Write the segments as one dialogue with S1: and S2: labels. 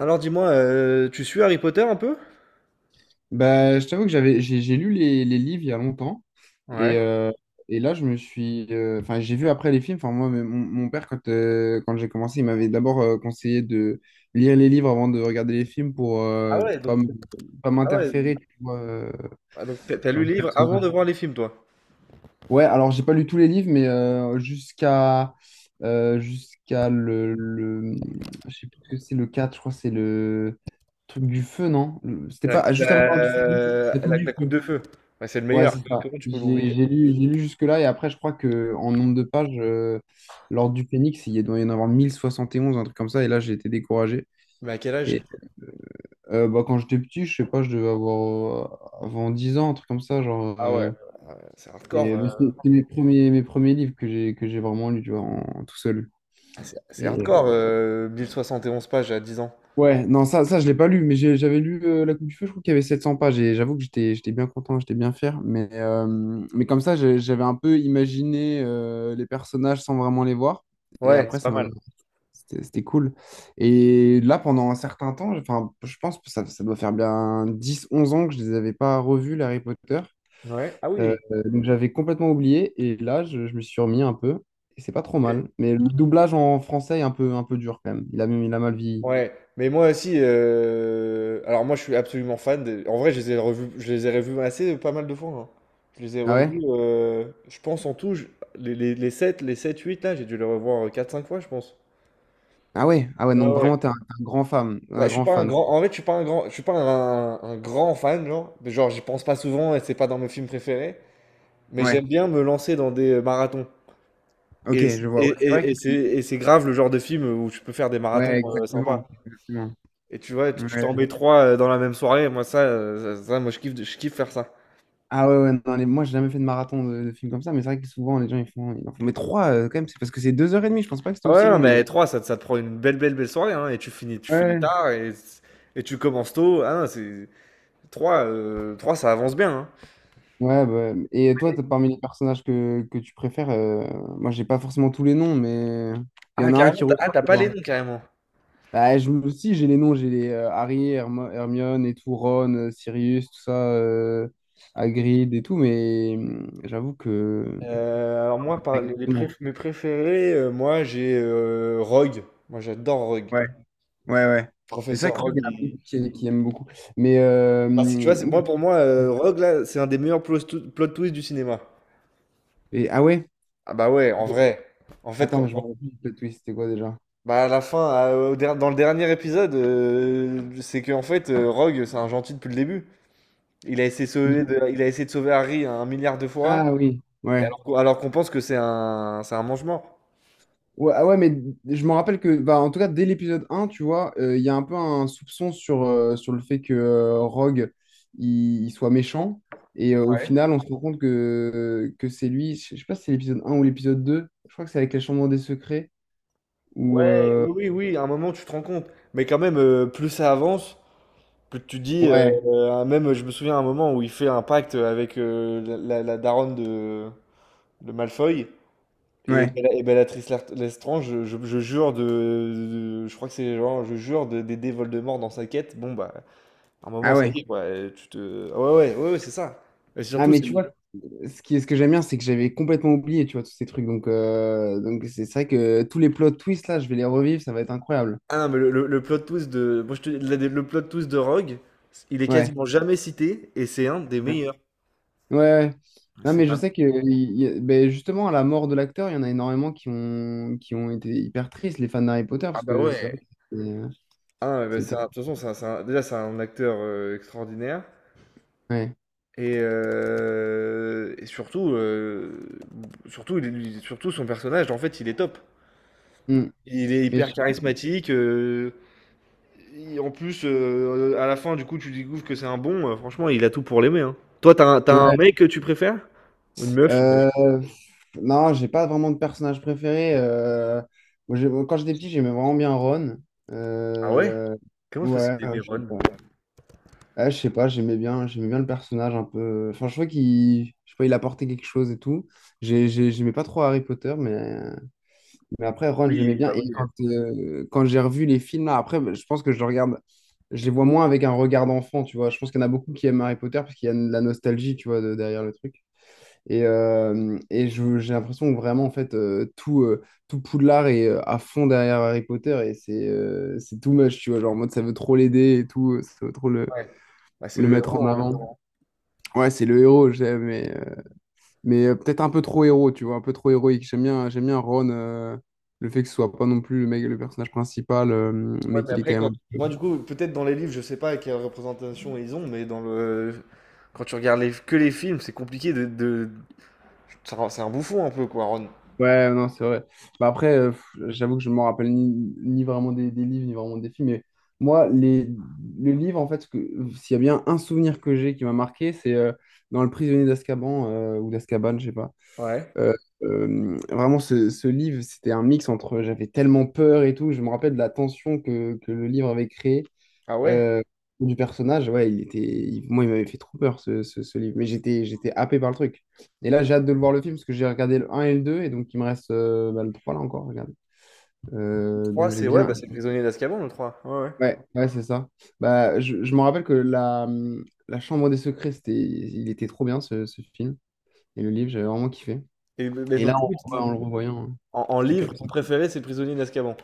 S1: Alors dis-moi, tu suis Harry Potter un peu?
S2: Bah, je t'avoue que j'ai lu les livres il y a longtemps.
S1: Ouais.
S2: Et, euh, et là, je me suis. Enfin, j'ai vu après les films. Enfin, moi, mais mon père, quand j'ai commencé, il m'avait d'abord conseillé de lire les livres avant de regarder les films pour
S1: Ah
S2: euh,
S1: ouais,
S2: pas,
S1: donc
S2: m- pas
S1: ah ouais,
S2: m'interférer, tu vois,
S1: ah donc t'as
S2: dans
S1: lu le
S2: les
S1: livre avant de
S2: personnages.
S1: voir les films, toi?
S2: Ouais, alors, j'ai pas lu tous les livres, mais jusqu'à. Jusqu'à le. Je sais plus ce que c'est, le 4 je crois, que c'est le truc du feu, non? C'était
S1: La
S2: pas. Ah,
S1: coupe,
S2: juste avant l'heure du feu, oui.
S1: la,
S2: La coupe
S1: la- la
S2: du
S1: coupe
S2: feu.
S1: de feu. Ouais, c'est le
S2: Ouais,
S1: meilleur.
S2: c'est ça. J'ai lu jusque-là et après, je crois que en nombre de pages, l'Ordre du Phénix, il doit y en avoir 1071 un truc comme ça, et là, j'ai été découragé.
S1: Mais à quel âge?
S2: Et bah, quand j'étais petit, je sais pas, je devais avoir avant 10 ans, un truc comme ça, genre.
S1: Ah ouais,
S2: euh,
S1: c'est hardcore.
S2: et c'est mes premiers livres que j'ai vraiment lu, tu vois, en, tout seul.
S1: Ah, C'est
S2: Et
S1: hardcore, 1071 pages à 10 ans.
S2: ouais, non, ça je l'ai pas lu, mais j'avais lu La Coupe du Feu, je crois qu'il y avait 700 pages, et j'avoue que j'étais bien content, j'étais bien fier, mais comme ça, j'avais un peu imaginé les personnages sans vraiment les voir, et
S1: Ouais,
S2: après,
S1: c'est pas.
S2: c'était cool. Et là, pendant un certain temps, enfin, je pense que ça doit faire bien dix onze ans que je les avais pas revus, les Harry Potter.
S1: Ouais. Ah
S2: Euh,
S1: oui.
S2: donc j'avais complètement oublié, et là, je me suis remis un peu, et c'est pas trop mal, mais le doublage en français est un peu dur quand même, il a mal vieilli.
S1: Ouais, mais moi aussi, alors moi je suis absolument fan. Des- En vrai, je les ai revus assez pas mal de fois, hein. Je les ai
S2: Ah
S1: revus,
S2: ouais?
S1: je pense en tout, je- les 7, les 7, 8 là, j'ai dû les revoir quatre cinq fois, je pense.
S2: Ah ouais, ah ouais,
S1: Ouais,
S2: donc vraiment,
S1: ouais.
S2: un grand fan,
S1: Bah,
S2: un
S1: je suis
S2: grand
S1: pas un
S2: fan.
S1: grand, en fait, je suis pas un grand, je suis pas un grand fan, genre, mais genre, j'y pense pas souvent et c'est pas dans mes films préférés, mais
S2: Ouais,
S1: j'aime bien me lancer dans des marathons.
S2: ok,
S1: Et,
S2: je vois.
S1: et,
S2: Ouais, c'est vrai
S1: et, et
S2: que.
S1: c'est grave le genre de film où tu peux faire des marathons
S2: Ouais, exactement.
S1: sympas.
S2: Exactement.
S1: Et tu vois, tu
S2: Ouais.
S1: t'en mets 3 dans la même soirée, moi ça, ça moi je kiffe faire ça.
S2: Ah ouais, ouais, non, moi, j'ai jamais fait de marathon de films comme ça, mais c'est vrai que souvent, les gens, ils font. Ils en font. Mais trois, quand même, c'est parce que c'est deux heures et demie, je pense pas que c'était
S1: Ah ouais,
S2: aussi
S1: non,
S2: long,
S1: mais
S2: les.
S1: 3 ça te prend une belle, belle, belle soirée, hein, et tu finis
S2: Ouais.
S1: tard et tu commences tôt. Ah non, c'est trois 3 ça avance bien, hein.
S2: Ouais, bah, et toi, parmi les personnages que tu préfères, moi, j'ai pas forcément tous les noms, mais il y
S1: Ah
S2: en a un
S1: carrément,
S2: qui
S1: tu ah
S2: ressort.
S1: t'as pas les noms carrément?
S2: Bah, je me aussi, j'ai les noms, j'ai les Harry, Hermione et tout, Ron, Sirius, tout ça, Hagrid et tout, mais j'avoue que.
S1: Alors moi
S2: Pas
S1: par les
S2: exactement.
S1: préf mes préférés, moi j'ai, Rogue. Moi j'adore Rogue.
S2: Ouais, ouais, ouais. Mais ça, je
S1: Professeur
S2: crois qu'il
S1: Rogue.
S2: y en a
S1: Et
S2: beaucoup qui aiment beaucoup. Mais.
S1: bah, c'est, tu vois, c'est, moi
S2: Oui.
S1: pour moi, Rogue là, c'est un des meilleurs plot twists du cinéma.
S2: Et, ah ouais?
S1: Ah bah ouais, en vrai. En fait,
S2: Attends,
S1: quand
S2: mais je me rappelle plus de twist, c'était quoi déjà?
S1: bah à la fin, dans le dernier épisode, c'est qu'en fait, Rogue, c'est un gentil depuis le début. Il a essayé de sauver Harry un milliard de fois,
S2: Ah oui,
S1: et
S2: ouais.
S1: alors qu'on pense que c'est un mange-mort.
S2: Ouais, ah ouais, mais je me rappelle que, bah, en tout cas, dès l'épisode un tu vois, il y a un peu un soupçon sur, sur le fait que Rogue, il soit méchant. Et au
S1: Ouais.
S2: final, on se rend compte que c'est lui. Je sais pas si c'est l'épisode un ou l'épisode deux. Je crois que c'est avec la Chambre des Secrets. Ou,
S1: Ouais,
S2: euh,
S1: oui, oui, oui, à un moment, tu te rends compte. Mais quand même, plus ça avance, plus tu te dis,
S2: Ouais,
S1: même, je me souviens à un moment où il fait un pacte avec la daronne de Malfoy, et,
S2: ouais.
S1: Bellatrice Lestrange, je jure de je crois que c'est genre, je jure d'aider Voldemort dans sa quête. Bon, bah, à un
S2: Ah
S1: moment, ça
S2: ouais.
S1: y est, quoi. Tu te. Ah, ouais, ouais, ouais, ouais, c'est ça. Et
S2: Ah,
S1: surtout,
S2: mais
S1: c'est
S2: tu
S1: le.
S2: vois, ce qui, ce que j'aime bien, c'est que j'avais complètement oublié, tu vois, tous ces trucs. Donc c'est vrai que tous les plot twists, là, je vais les revivre. Ça va être incroyable.
S1: Ah non, mais le, plot twist de. Le plot twist de Rogue, il est
S2: Ouais.
S1: quasiment jamais cité, et c'est un des meilleurs.
S2: Ouais, ouais. Non,
S1: C'est
S2: mais je
S1: vraiment.
S2: sais que ben, justement, à la mort de l'acteur, il y en a énormément qui ont été hyper tristes, les fans d'Harry Potter,
S1: Ah
S2: parce
S1: bah
S2: que c'est vrai
S1: ouais.
S2: que c'était. euh,
S1: Ah, ouais, bah,
S2: c'était.
S1: de toute façon, déjà, c'est un acteur extraordinaire.
S2: Ouais.
S1: Et surtout, surtout, surtout son personnage, en fait, il est top.
S2: Hmm.
S1: Il est
S2: Mais je
S1: hyper
S2: sais pas.
S1: charismatique. En plus, à la fin, du coup, tu découvres que c'est un bon. Franchement, il a tout pour l'aimer, hein. Toi, t'as un
S2: Ouais.
S1: mec que tu préfères? Une meuf, d'ailleurs?
S2: Euh, non, j'ai pas vraiment de personnage préféré. Moi, quand j'étais petit, j'aimais vraiment bien Ron.
S1: Ah ouais?
S2: Euh,
S1: Comment c'est possible,
S2: ouais,
S1: t'aimer
S2: je sais
S1: Ron?
S2: pas. Ouais, je sais pas, j'aimais bien le personnage un peu. Enfin, je trouvais qu'il, je sais pas, il apportait quelque chose et tout. J'aimais pas trop Harry Potter, mais. Mais après, Ron, je l'aimais
S1: Oui,
S2: bien.
S1: bah
S2: Et
S1: oui.
S2: quand j'ai revu les films, là, après, je pense que je le regarde, je les vois moins avec un regard d'enfant, tu vois. Je pense qu'il y en a beaucoup qui aiment Harry Potter parce qu'il y a de la nostalgie, tu vois, derrière le truc. Et j'ai l'impression que vraiment, en fait, tout, tout Poudlard est à fond derrière Harry Potter et c'est too much, tu vois. Genre, en mode, ça veut trop l'aider et tout, ça veut trop le,
S1: Ouais. Bah, c'est le
S2: mettre en
S1: héros, hein.
S2: avant. Ouais, c'est le héros, j'aime, mais peut-être un peu trop héros, tu vois, un peu trop héroïque. J'aime bien Ron, le fait que ce soit pas non plus le mec, le personnage principal,
S1: Ouais,
S2: mais
S1: mais
S2: qu'il est
S1: après,
S2: quand
S1: quand.
S2: même.
S1: Moi, du coup, peut-être dans les livres, je sais pas quelle représentation ils ont, mais dans le. Quand tu regardes que les films, c'est compliqué de. de. C'est un bouffon, un peu, quoi, Ron.
S2: Ouais, non, c'est vrai. Bah après, j'avoue que je ne me rappelle ni, vraiment des, livres, ni vraiment des films, mais moi, les, le livre, en fait, ce que, s'il y a bien un souvenir que j'ai qui m'a marqué, c'est dans Le Prisonnier d'Azkaban, ou d'Azkaban, je sais pas.
S1: Ouais.
S2: Euh, vraiment, ce livre, c'était un mix entre j'avais tellement peur et tout. Je me rappelle de la tension que le livre avait créé.
S1: Ah ouais?
S2: Euh, du personnage, ouais, il était, moi, il m'avait fait trop peur ce, ce livre, mais j'étais happé par le truc. Et là, j'ai hâte de le voir le film parce que j'ai regardé le 1 et le 2, et donc il me reste bah, le 3 là encore, regarde.
S1: Trois
S2: Donc j'ai
S1: c'est. Ouais,
S2: bien.
S1: bah c'est le Prisonnier d'Azkaban, le trois. Ouais, ouais.
S2: Ouais, ouais, c'est ça. Bah, je me rappelle que la Chambre des Secrets, c'était, il était trop bien ce, film, et le livre, j'avais vraiment kiffé.
S1: Et, mais
S2: Et là,
S1: donc, du coup,
S2: on, le revoyant, hein,
S1: en
S2: c'était
S1: livre,
S2: canon.
S1: ton préféré, c'est Prisonnier d'Azkaban.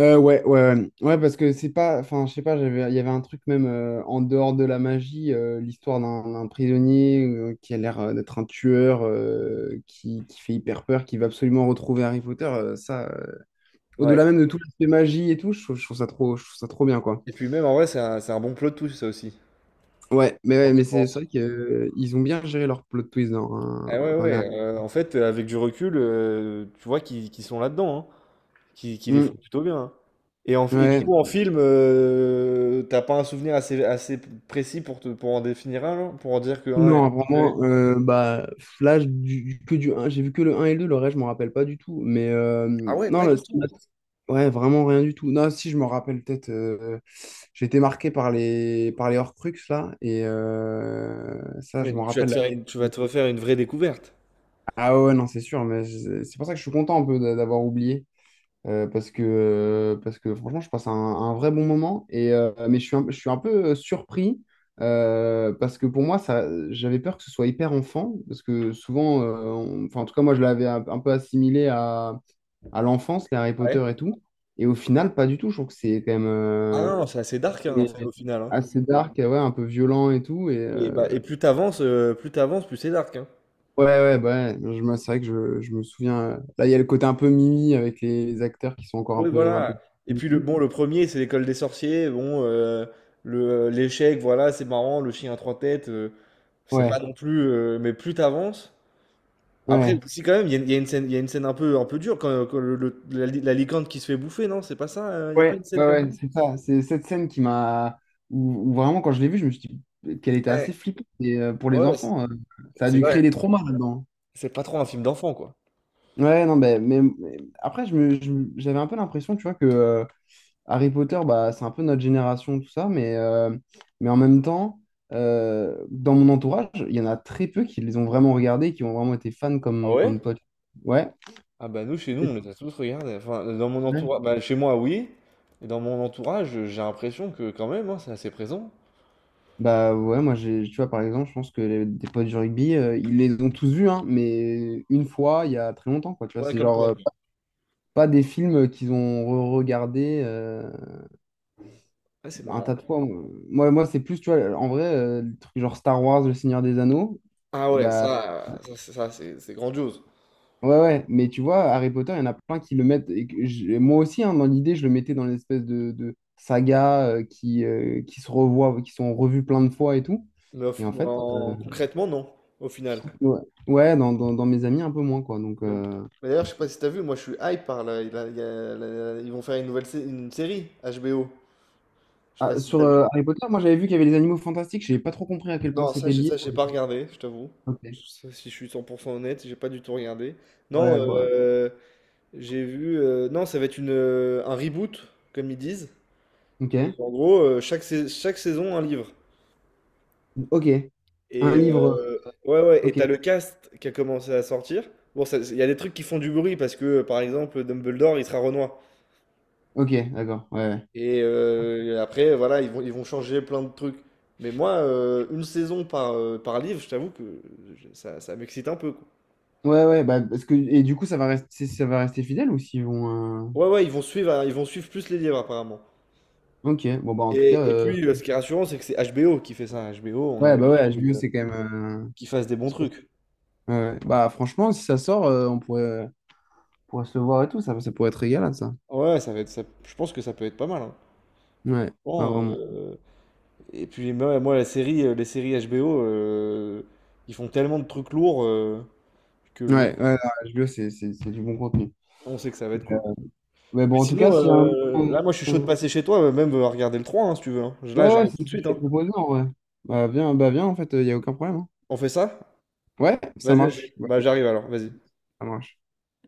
S2: Ouais, parce que c'est pas, enfin, je sais pas, j'avais, il y avait un truc même en dehors de la magie, l'histoire d'un prisonnier qui a l'air d'être un tueur, qui fait hyper peur, qui va absolument retrouver Harry Potter, ça,
S1: Ouais.
S2: au-delà même de tout l'aspect magie et tout, je trouve ça trop, je trouve ça trop bien, quoi.
S1: Et puis même en vrai, c'est un bon plot twist, ça aussi. Quand
S2: Ouais,
S1: tu
S2: mais c'est
S1: penses.
S2: vrai qu'ils ont bien géré leur plot twist dans,
S1: Eh ouais,
S2: dans
S1: ouais.
S2: la.
S1: En fait, avec du recul, tu vois qu'ils sont là-dedans, hein, qu'ils les font
S2: Mm,
S1: plutôt bien, hein. Et, et du
S2: ouais.
S1: coup, en film, t'as pas un souvenir assez précis pour, pour en définir un, genre, pour en dire que un est
S2: Non,
S1: ton préféré?
S2: vraiment, bah, là, du un j'ai vu que le un et le 2, le reste, je m'en rappelle pas du tout. Mais
S1: Ah ouais,
S2: non,
S1: pas du tout.
S2: ouais, vraiment rien du tout. Non, si, je me rappelle peut-être, j'ai été marqué par par les Horcrux, là, et
S1: Ah,
S2: ça,
S1: mais
S2: je m'en
S1: donc
S2: rappelle.
S1: tu vas te refaire une vraie découverte.
S2: Ah ouais, non, c'est sûr, mais c'est pour ça que je suis content un peu d'avoir oublié. Parce que franchement, je passe un vrai bon moment. Et, mais je suis un peu surpris parce que pour moi, ça, j'avais peur que ce soit hyper enfant. Parce que souvent, enfin, en tout cas, moi, je l'avais un peu assimilé à l'enfance, les Harry
S1: Ouais.
S2: Potter et tout. Et au final, pas du tout. Je trouve que c'est quand même
S1: Ah non, c'est assez dark, hein, un
S2: et
S1: film, au final, hein.
S2: assez dark, ouais, un peu violent et tout. Et,
S1: Et, bah, plus t'avances, plus c'est dark, hein.
S2: ouais, ouais, bah ouais, c'est vrai que je me souviens. Là, il y a le côté un peu Mimi avec les acteurs qui sont encore un
S1: Oui,
S2: peu, un peu.
S1: voilà. Et puis le bon, le premier, c'est l'École des Sorciers. Bon, le l'échec, voilà, c'est marrant. Le chien à trois têtes, c'est pas
S2: Ouais,
S1: non plus. Mais plus t'avances. Après,
S2: ouais.
S1: si quand même, il y a une scène, un peu dure, quand, quand la licorne qui se fait bouffer, non? C'est pas ça? Il y a pas
S2: Ouais,
S1: une scène
S2: ouais,
S1: comme
S2: ouais,
S1: ça?
S2: c'est ça. C'est cette scène qui m'a. Où vraiment, quand je l'ai vue, je me suis dit qu'elle était
S1: Ouais,
S2: assez flippante. Et pour les
S1: ouais,
S2: enfants, ça a dû
S1: ouais,
S2: créer des traumas là-dedans.
S1: c'est pas trop un film d'enfant, quoi.
S2: Ouais, non, ben, mais après, j'avais un peu l'impression, tu vois, que Harry Potter, bah, c'est un peu notre génération, tout ça, mais en même temps, dans mon entourage, il y en a très peu qui les ont vraiment regardés, qui ont vraiment été fans
S1: Ah ouais?
S2: comme toi. Ouais.
S1: Ah bah nous, chez nous, on les a tous regardés. Enfin, dans mon entourage, bah, chez moi, oui. Et dans mon entourage, j'ai l'impression que quand même, hein, c'est assez présent.
S2: Bah ouais, moi j'ai, tu vois, par exemple, je pense que des potes du rugby, ils les ont tous vus, hein, mais une fois, il y a très longtemps, quoi. Tu vois,
S1: Ouais,
S2: c'est
S1: comme
S2: genre
S1: toi.
S2: pas des films qu'ils ont re-regardés
S1: Ouais, c'est
S2: un tas
S1: marrant.
S2: de fois. Moi c'est plus, tu vois, en vrai, le truc genre Star Wars, Le Seigneur des Anneaux,
S1: Ah
S2: eh
S1: ouais,
S2: bah
S1: ça, c'est ça, c'est grandiose.
S2: ouais, ouais, mais tu vois, Harry Potter, il y en a plein qui le mettent. Et que moi aussi, hein, dans l'idée, je le mettais dans l'espèce de saga qui se revoit, qui sont revus plein de fois et tout.
S1: Mais
S2: Et en fait.
S1: concrètement, non, au final.
S2: Ouais, ouais, dans mes amis, un peu moins, quoi. Donc,
S1: Même- D'ailleurs, je sais pas si t'as vu, moi je suis hype par là. Il a- il y a la- Ils vont faire une nouvelle une série, HBO. Je sais pas
S2: ah,
S1: si
S2: sur
S1: t'as vu.
S2: Harry Potter, moi, j'avais vu qu'il y avait les animaux fantastiques. J'ai pas trop compris à quel point
S1: Non, ça,
S2: c'était lié.
S1: j'ai pas regardé, je t'avoue.
S2: Ok.
S1: Ça, si je suis 100% honnête, j'ai pas du tout regardé. Non,
S2: Ouais, bah,
S1: j'ai vu. Non, ça va être un reboot, comme ils disent. Et
S2: ok.
S1: en gros, chaque, chaque saison, un livre.
S2: Ok. Un
S1: Et
S2: livre.
S1: ouais, ouais, et
S2: Ok.
S1: t'as le cast qui a commencé à sortir. Bon, il y a des trucs qui font du bruit parce que, par exemple, Dumbledore, il sera Renoir.
S2: Ok, d'accord. Ouais, ouais.
S1: Et après, voilà, ils vont changer plein de trucs. Mais moi, une saison par, par livre, je t'avoue que ça, ça m'excite un peu, quoi.
S2: Ouais, ouais, bah, parce que, et du coup, ça va rester fidèle ou s'ils vont.
S1: Ouais, ouais, ils vont suivre plus les livres, apparemment.
S2: Ok. Bon, bah, en tout cas,
S1: Et puis, ce qui est rassurant, c'est que c'est HBO qui fait ça. HBO, on a
S2: ouais, bah, ouais,
S1: l'habitude
S2: HBO, c'est quand même.
S1: qu'ils fassent des bons trucs.
S2: Ouais, ouais. Bah, franchement, si ça sort, on pourrait se le voir et tout. Ça pourrait être régalade, ça.
S1: Ouais, ça va être, je pense que ça peut être pas mal, hein.
S2: Ouais, ouais,
S1: Bon,
S2: vraiment.
S1: et puis moi, la série, les séries HBO, ils font tellement de trucs lourds que
S2: Ouais,
S1: bon,
S2: ouais, non, HBO, c'est du bon contenu.
S1: on sait que ça va être cool.
S2: Mais
S1: Mais
S2: bon, en tout cas,
S1: sinon,
S2: s'il y a un.
S1: là, moi, je suis chaud de
S2: Ouais,
S1: passer chez toi, même regarder le trois, hein, si tu veux, hein. Là,
S2: ouais,
S1: j'arrive tout
S2: c'est
S1: de
S2: ce que
S1: suite,
S2: j'ai
S1: hein.
S2: proposé en vrai. Bah viens, en fait, il n'y a aucun problème. Hein.
S1: On fait ça?
S2: Ouais, ça
S1: Vas-y,
S2: marche.
S1: vas-y.
S2: Ouais,
S1: Bah, j'arrive alors, vas-y.
S2: ça marche.